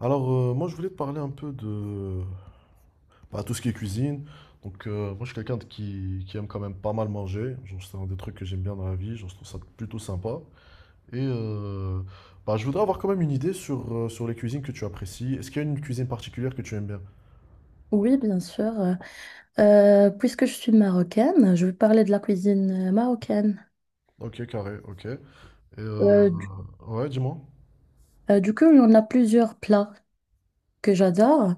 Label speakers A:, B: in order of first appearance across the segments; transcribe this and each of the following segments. A: Alors, moi, je voulais te parler un peu de bah, tout ce qui est cuisine. Donc, moi, je suis quelqu'un qui aime quand même pas mal manger. Genre, c'est un des trucs que j'aime bien dans la vie. Genre, je trouve ça plutôt sympa. Et bah, je voudrais avoir quand même une idée sur les cuisines que tu apprécies. Est-ce qu'il y a une cuisine particulière que tu aimes bien?
B: Oui, bien sûr. Puisque je suis marocaine, je vais parler de la cuisine marocaine.
A: Ok, carré, ok. Et euh,
B: Euh, du,
A: ouais, dis-moi.
B: du coup, il y en a plusieurs plats que j'adore,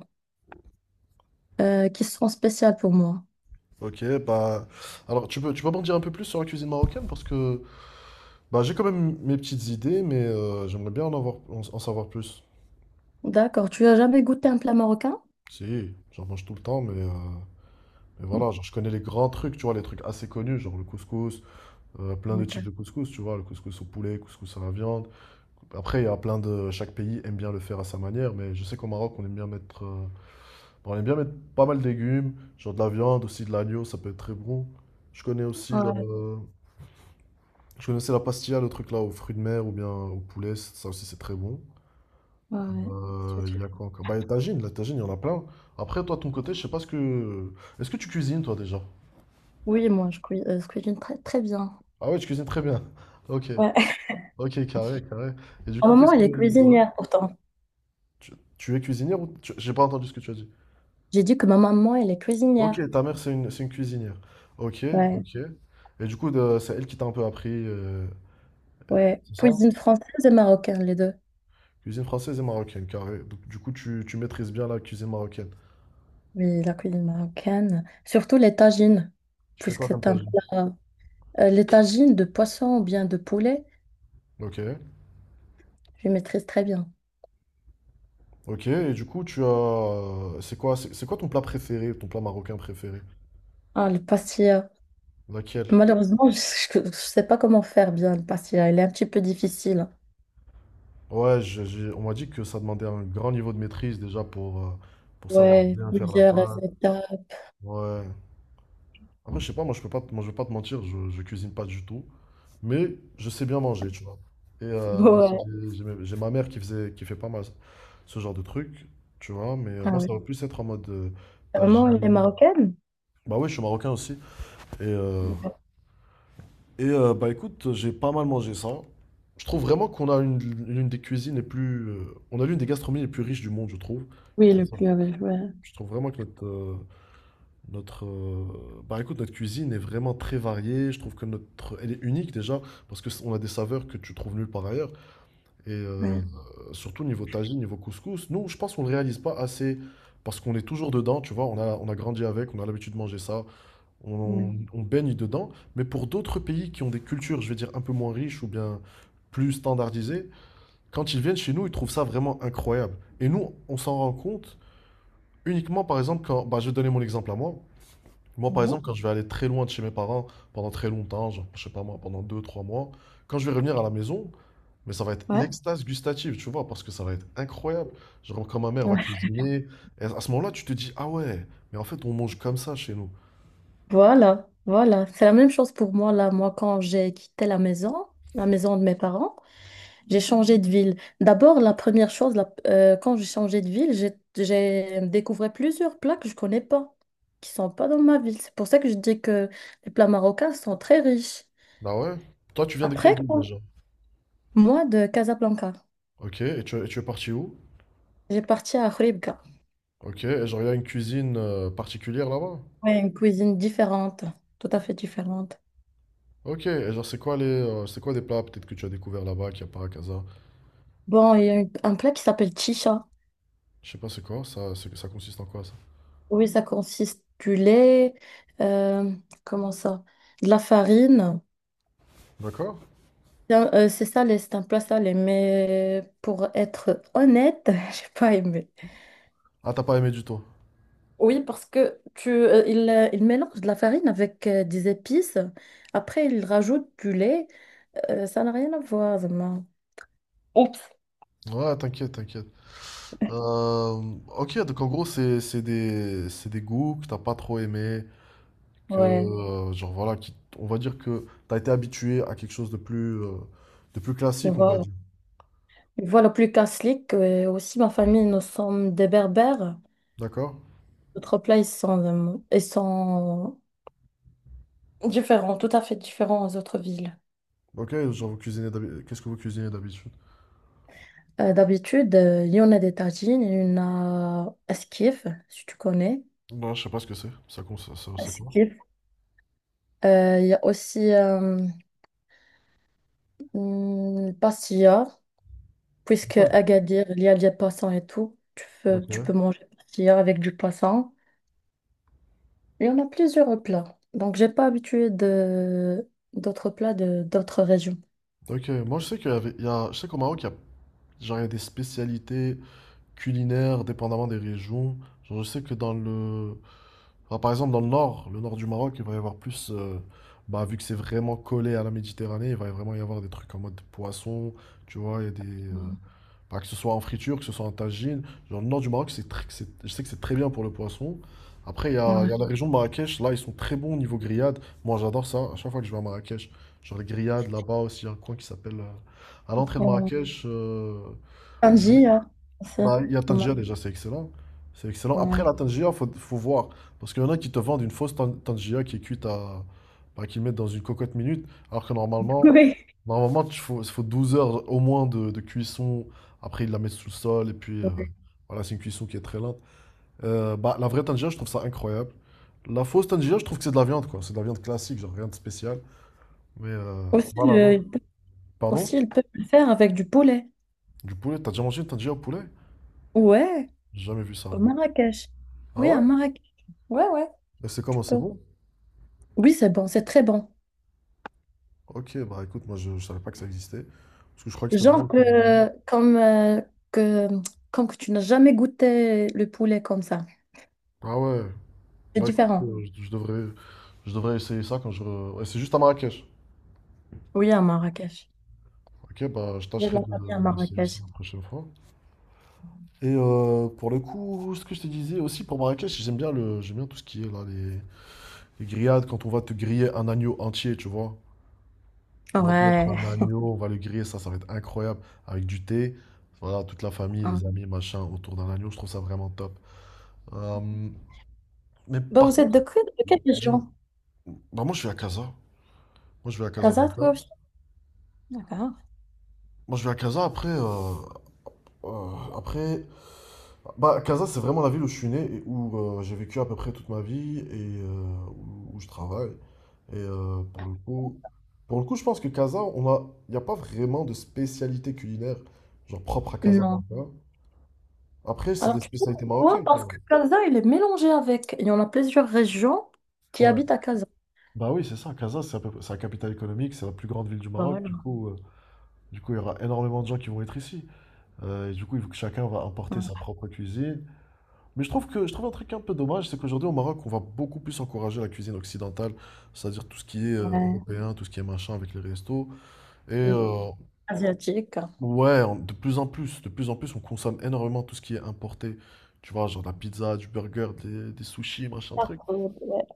B: qui sont spéciaux pour moi.
A: Ok, bah. Alors, tu peux m'en dire un peu plus sur la cuisine marocaine? Parce que bah, j'ai quand même mes petites idées, mais j'aimerais bien en avoir, en en savoir plus.
B: D'accord. Tu as jamais goûté un plat marocain?
A: Si, j'en mange tout le temps, mais voilà, genre, je connais les grands trucs, tu vois, les trucs assez connus, genre le couscous, plein de types
B: D'accord.
A: de couscous, tu vois, le couscous au poulet, couscous à la viande. Après, il y a plein de... chaque pays aime bien le faire à sa manière, mais je sais qu'au Maroc, on aime bien bon, on aime bien mettre pas mal de légumes, genre de la viande, aussi de l'agneau, ça peut être très bon. Je connais aussi la...
B: Ouais,
A: Je connaissais la pastilla, le truc là, aux fruits de mer ou bien au poulet, ça aussi c'est très bon.
B: ouais.
A: Euh,
B: Sucre.
A: il y a quoi encore? Bah, les tagines, la tagine, il y en a plein. Après, toi, de ton côté, je sais pas ce que... est-ce que tu cuisines, toi, déjà?
B: Oui, moi, je cuisine très bien.
A: Ah ouais, tu cuisines très bien. Ok.
B: Ouais.
A: Ok, carré, carré. Et du
B: Ma
A: coup,
B: maman, elle est
A: ouais.
B: cuisinière pourtant.
A: Tu es cuisinière ou. J'ai pas entendu ce que tu as dit.
B: J'ai dit que ma maman, elle est
A: Ok,
B: cuisinière.
A: ta mère, c'est une cuisinière. Ok,
B: Ouais,
A: ok. Et du coup, c'est elle qui t'a un peu appris,
B: ouais.
A: c'est ça?
B: Cuisine française et marocaine, les deux.
A: Cuisine française et marocaine, carré. Donc, du coup, tu maîtrises bien la cuisine marocaine.
B: Oui, la cuisine marocaine, surtout les tagines,
A: Tu fais
B: puisque
A: quoi comme
B: c'est
A: plat?
B: un plat. Les tagines de poisson ou bien de poulet,
A: Ok,
B: je maîtrise très bien.
A: ok. Et du coup, c'est quoi, c'est quoi ton plat préféré, ton plat marocain préféré?
B: Ah, le pastilla.
A: Laquelle?
B: Malheureusement, je ne sais pas comment faire bien le pastilla. Il est un petit peu difficile.
A: Ouais, on m'a dit que ça demandait un grand niveau de maîtrise déjà pour savoir
B: Ouais,
A: bien faire la
B: plusieurs
A: pâte.
B: étapes.
A: Ouais. Après, je sais pas, moi je peux pas, moi je vais pas te mentir, je cuisine pas du tout, mais je sais bien manger, tu vois. Et moi aussi,
B: Ouais.
A: j'ai ma mère qui fait pas mal ce genre de trucs, tu vois. Mais
B: Ah
A: moi,
B: ouais.
A: ça va plus être en mode
B: Vraiment, les
A: tagine.
B: marocaines?
A: Bah oui, je suis marocain aussi. Et, euh, bah écoute, j'ai pas mal mangé ça. Je trouve vraiment l'une des cuisines les plus, on a l'une des gastronomies les plus riches du monde, je trouve. Je
B: Oui,
A: trouve
B: le
A: ça-
B: plus avec, ouais.
A: je trouve vraiment que bah écoute, notre cuisine est vraiment très variée. Je trouve que elle est unique déjà parce que on a des saveurs que tu trouves nulle part ailleurs. Et
B: Ouais.
A: surtout niveau tagine, niveau couscous, nous, je pense qu'on le réalise pas assez parce qu'on est toujours dedans. Tu vois, on a grandi avec, on a l'habitude de manger ça,
B: Ouais.
A: on baigne dedans. Mais pour d'autres pays qui ont des cultures, je vais dire un peu moins riches ou bien plus standardisées, quand ils viennent chez nous, ils trouvent ça vraiment incroyable. Et nous, on s'en rend compte uniquement, par exemple, quand, bah, je vais te donner mon exemple à moi. Moi, par exemple,
B: Bonjour.
A: quand je vais aller très loin de chez mes parents pendant très longtemps, genre, je sais pas moi, pendant 2-3 mois, quand je vais revenir à la maison, mais ça va être
B: Ouais.
A: l'extase gustative, tu vois, parce que ça va être incroyable. Genre, quand ma mère va
B: Ouais.
A: cuisiner, et à ce moment-là, tu te dis, ah ouais, mais en fait, on mange comme ça chez nous.
B: Voilà, voilà. C'est la même chose pour moi là. Moi, quand j'ai quitté la maison de mes parents, j'ai changé de ville. D'abord, la première chose, quand j'ai changé de ville, j'ai découvert plusieurs plats que je connais pas, qui sont pas dans ma ville. C'est pour ça que je dis que les plats marocains sont très riches.
A: Bah ouais. Toi, tu viens de quelle
B: Après,
A: ville déjà?
B: moi, de Casablanca,
A: Ok, et tu es parti où?
B: j'ai parti à Khouribga.
A: Ok, et genre, il y a une cuisine particulière là-bas?
B: Ouais, une cuisine différente, tout à fait différente.
A: Ok, et genre, c'est quoi des plats peut-être que tu as découvert là-bas, qu'il n'y a pas à Casa?
B: Bon, il y a un plat qui s'appelle chicha.
A: Je sais pas, c'est quoi? Ça consiste en quoi ça?
B: Oui, ça consiste du lait, euh, comment ça? De la farine.
A: D'accord?
B: Donc, c'est ça les en place ça mais pour être honnête, j'ai pas aimé.
A: Ah, t'as pas aimé du tout.
B: Oui, parce que il mélange de la farine avec des épices. Après, il rajoute du lait. Ça n'a rien à voir, vraiment. Oups.
A: Ouais, t'inquiète, t'inquiète. Euh, ok, donc en gros, c'est des goûts que t'as pas trop aimé,
B: Ouais,
A: genre voilà, on va dire que t'as été habitué à quelque chose de plus classique, on va
B: voilà.
A: dire.
B: Voilà, plus qu'un slick. Aussi, ma famille, nous sommes des berbères.
A: D'accord?
B: Notre plats, ils sont différents, tout à fait différents aux autres villes.
A: Ok, genre qu'est-ce que vous cuisinez d'habitude?
B: D'habitude, il y en a des tagines, il y en a esquif, si tu connais.
A: Non, je sais pas ce que c'est. Ça, cons- ça-
B: Ah,
A: c'est
B: c'est
A: quoi?
B: kiff. Il y a aussi pastilla, puisque
A: Ah,
B: Agadir, il y a des poissons et tout. Tu peux,
A: ok.
B: tu peux manger pastilla avec du poisson. Il y en a plusieurs plats. Donc, j'ai pas habitué de d'autres plats de d'autres régions.
A: Ok, moi je sais qu'au Maroc, genre, il y a des spécialités culinaires dépendamment des régions. Genre, je sais que dans le, enfin, par exemple, dans le nord du Maroc, il va y avoir plus. Bah, vu que c'est vraiment collé à la Méditerranée, il va vraiment y avoir des trucs en mode poisson, tu vois, il y a des. Bah, que ce soit en friture, que ce soit en tagine. Genre, le nord du Maroc, je sais que c'est très bien pour le poisson. Après, il y a, il
B: Ouais.
A: y a la région de Marrakech, là, ils sont très bons au niveau grillade. Moi, j'adore ça. À chaque fois que je vais à Marrakech, genre les grillades là-bas aussi, il y a un coin qui s'appelle. À l'entrée de
B: Euh,
A: Marrakech,
B: Tangier, aussi.
A: bah, il y a
B: Au Maroc.
A: Tangier déjà, c'est excellent. C'est excellent. Après,
B: Ouais.
A: la tangia faut voir. Parce qu'il y en a qui te vendent une fausse Tangier qui est cuite à. Bah, qu'ils mettent dans une cocotte minute. Alors que normalement,
B: Oui.
A: normalement, il faut 12 heures au moins de cuisson. Après, ils la mettent sous le sol. Et puis,
B: Ouais.
A: voilà, c'est une cuisson qui est très lente. Bah, la vraie tangia je trouve ça incroyable. La fausse tangia je trouve que c'est de la viande, quoi. C'est de la viande classique, genre rien de spécial. Mais
B: Aussi,
A: voilà, l'autre.
B: le,
A: Pardon?
B: aussi, il peut le faire avec du poulet.
A: Du poulet? T'as déjà mangé une tangia au poulet?
B: Ouais,
A: J'ai jamais vu ça,
B: au
A: moi.
B: Marrakech.
A: Ah
B: Oui, à
A: ouais?
B: Marrakech. Ouais,
A: Et c'est
B: tu
A: comment? C'est
B: peux.
A: bon?
B: Oui, c'est bon, c'est très bon.
A: Ok, bah écoute, moi je savais pas que ça existait. Parce que je crois que c'était
B: Genre
A: vraiment.
B: que, que, comme que tu n'as jamais goûté le poulet comme ça.
A: Ah ouais,
B: C'est
A: bah écoute,
B: différent.
A: je devrais essayer ça ouais, c'est juste à Marrakech.
B: Oui, à Marrakech.
A: Ok, bah je
B: J'ai de
A: tâcherai
B: la famille à
A: d'essayer ça
B: Marrakech.
A: la prochaine fois. Et pour le coup, ce que je te disais aussi pour Marrakech, j'aime bien tout ce qui est là, les grillades, quand on va te griller un agneau entier, tu vois. On va te mettre
B: Ouais.
A: un agneau, on va le griller, ça va être incroyable, avec du thé. Voilà, toute la famille,
B: Hein.
A: les amis, machin, autour d'un agneau, je trouve ça vraiment top. Euh, mais
B: Bah,
A: par
B: vous êtes
A: contre,
B: de quelle région?
A: bah moi je vais à Casa. Moi je vais à
B: Casa,
A: Casablanca.
B: toi aussi? D'accord.
A: Moi je vais à Casa après après bah Casa c'est vraiment la ville où je suis né et où j'ai vécu à peu près toute ma vie et où je travaille. Et pour le coup je pense que Casa on a il n'y a pas vraiment de spécialité culinaire genre propre à
B: Non.
A: Casablanca. Après c'est
B: Alors,
A: des
B: tu sais
A: spécialités
B: pourquoi?
A: marocaines quoi.
B: Parce que Casa, il est mélangé avec. Il y en a plusieurs régions qui
A: Ouais.
B: habitent à Casa.
A: Bah oui, c'est ça. Casa c'est c'est la capitale économique, c'est la plus grande ville du Maroc.
B: Voilà.
A: Du coup il y aura énormément de gens qui vont être ici. Et du coup, il faut que chacun va importer sa propre cuisine. Mais je trouve un truc un peu dommage, c'est qu'aujourd'hui au Maroc, on va beaucoup plus encourager la cuisine occidentale, c'est-à-dire tout ce qui est
B: Ouais.
A: européen, tout ce qui est machin avec les restos. Et
B: Mm. Asiatique.
A: ouais, de plus en plus, de plus en plus, on consomme énormément tout ce qui est importé. Tu vois, genre de la pizza, du burger, des sushis, machin
B: Pas
A: truc.
B: trop, ouais.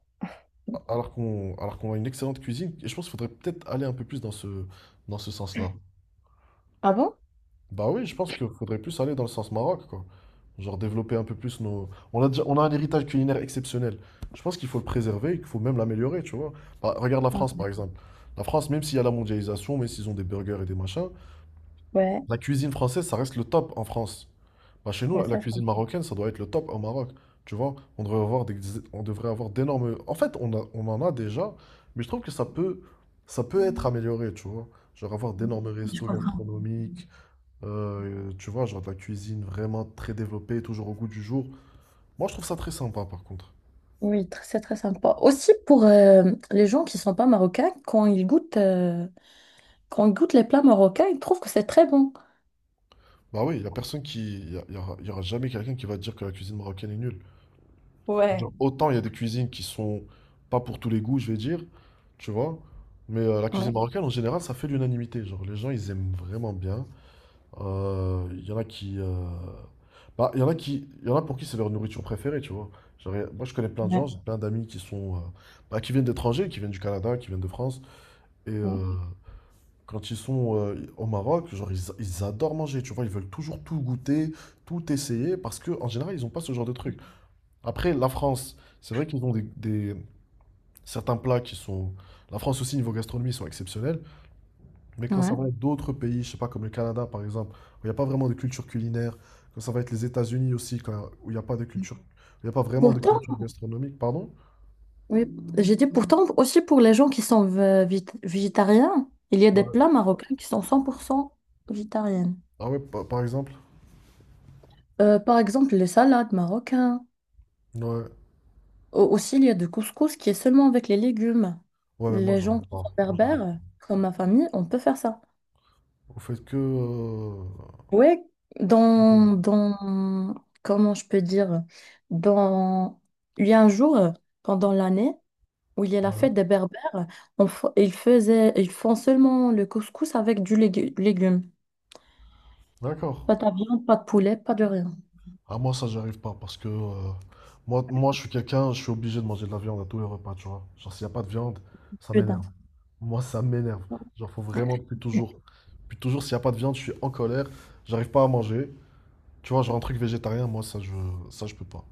A: Alors qu'on a une excellente cuisine, et je pense qu'il faudrait peut-être aller un peu plus dans ce sens-là.
B: Ah bon?
A: Bah oui, je pense qu'il faudrait plus aller dans le sens Maroc, quoi. Genre développer un peu plus nos. On a un héritage culinaire exceptionnel. Je pense qu'il faut le préserver, et qu'il faut même l'améliorer, tu vois. Bah, regarde la
B: Ouais,
A: France, par exemple. La France, même s'il y a la mondialisation, même s'ils ont des burgers et des machins,
B: ouais,
A: la cuisine française, ça reste le top en France. Bah, chez nous,
B: ouais,
A: la
B: c'est ça.
A: cuisine marocaine, ça doit être le top au Maroc. Tu vois, on devrait avoir d'énormes. En fait, on en a déjà, mais je trouve que ça peut être amélioré, tu vois. Genre avoir d'énormes
B: Je
A: restos
B: comprends.
A: gastronomiques, tu vois, genre de la cuisine vraiment très développée, toujours au goût du jour. Moi, je trouve ça très sympa, par contre.
B: Oui, c'est très sympa. Aussi pour les gens qui sont pas marocains, quand ils goûtent les plats marocains, ils trouvent que c'est très bon.
A: Bah oui, il y a personne qui... Il y a- y aura jamais quelqu'un qui va dire que la cuisine marocaine est nulle.
B: Ouais,
A: Genre, autant il y a des cuisines qui sont pas pour tous les goûts, je vais dire, tu vois. Mais la cuisine
B: Ouais.
A: marocaine, en général, ça fait l'unanimité. Genre, les gens, ils aiment vraiment bien. Il y en a qui... Il y en a pour qui c'est leur nourriture préférée, tu vois. Genre, moi, je connais plein de
B: ouais,
A: gens, j'ai plein d'amis bah, qui viennent d'étrangers, qui viennent du Canada, qui viennent de France. Et
B: ouais.
A: Quand ils sont au Maroc, genre, ils adorent manger, tu vois, ils veulent toujours tout goûter, tout essayer, parce que en général, ils n'ont pas ce genre de truc. Après, la France, c'est vrai qu'ils ont des- certains plats qui sont... la France aussi, niveau gastronomie, ils sont exceptionnels, mais quand ça
B: Ouais.
A: va être d'autres pays, je sais pas, comme le Canada, par exemple, où il n'y a pas vraiment de culture culinaire, quand ça va être les États-Unis aussi, où il n'y a pas vraiment de
B: Pourtant,
A: culture gastronomique, pardon.
B: oui, j'ai dit pourtant aussi pour les gens qui sont végétariens, il y a des
A: Ouais.
B: plats marocains qui sont 100% végétariennes.
A: Ah ouais, par exemple.
B: Par exemple, les salades marocaines.
A: Ouais.
B: Au- Aussi, il y a du couscous qui est seulement avec les légumes.
A: Ouais, mais moi,
B: Les gens
A: j'arrive
B: qui sont
A: pas. Moi, j'arrive
B: berbères, comme ma famille, on peut faire ça.
A: pas.
B: Ouais, dans, dans, comment je peux dire, dans, il y a un jour pendant l'année où il y a la fête
A: Ouais.
B: des Berbères, ils faisaient, ils font seulement le couscous avec du légume.
A: D'accord.
B: Pas de viande, pas de poulet, pas de rien.
A: Ah, moi, ça, j'arrive pas parce que moi, je suis quelqu'un, je suis obligé de manger de la viande à tous les repas, tu vois. Genre, s'il n'y a pas de viande, ça
B: Que
A: m'énerve.
B: dalle.
A: Moi, ça m'énerve. Genre, faut vraiment, depuis toujours. Depuis toujours, s'il n'y a pas de viande, je suis en colère, j'arrive pas à manger. Tu vois, genre, un truc végétarien, moi, ça, je peux pas.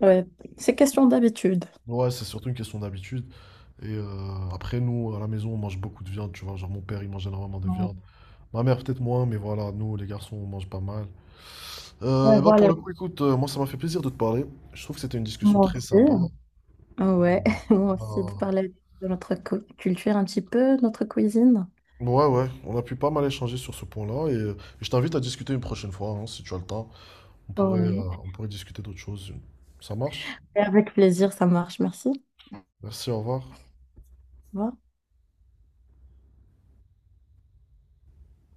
B: Ouais, c'est question d'habitude.
A: Ouais, c'est surtout une question d'habitude. Et après, nous, à la maison, on mange beaucoup de viande, tu vois. Genre, mon père, il mange énormément de
B: Ouais,
A: viande. Ma mère, peut-être moins, mais voilà, nous, les garçons, on mange pas mal.
B: Ouais,
A: Et bah pour
B: voilà,
A: le coup, écoute, moi ça m'a fait plaisir de te parler. Je trouve que c'était une discussion
B: moi
A: très
B: aussi.
A: sympa.
B: Ah ouais, moi aussi, de
A: Euh,
B: parler de notre culture un petit peu, notre cuisine.
A: ouais, ouais, on a pu pas mal échanger sur ce point-là et je t'invite à discuter une prochaine fois, hein, si tu as le temps. On pourrait, euh,
B: Ouais.
A: on pourrait discuter d'autres choses. Ça marche?
B: Et avec plaisir, ça marche, merci.
A: Merci, au revoir.
B: Au revoir.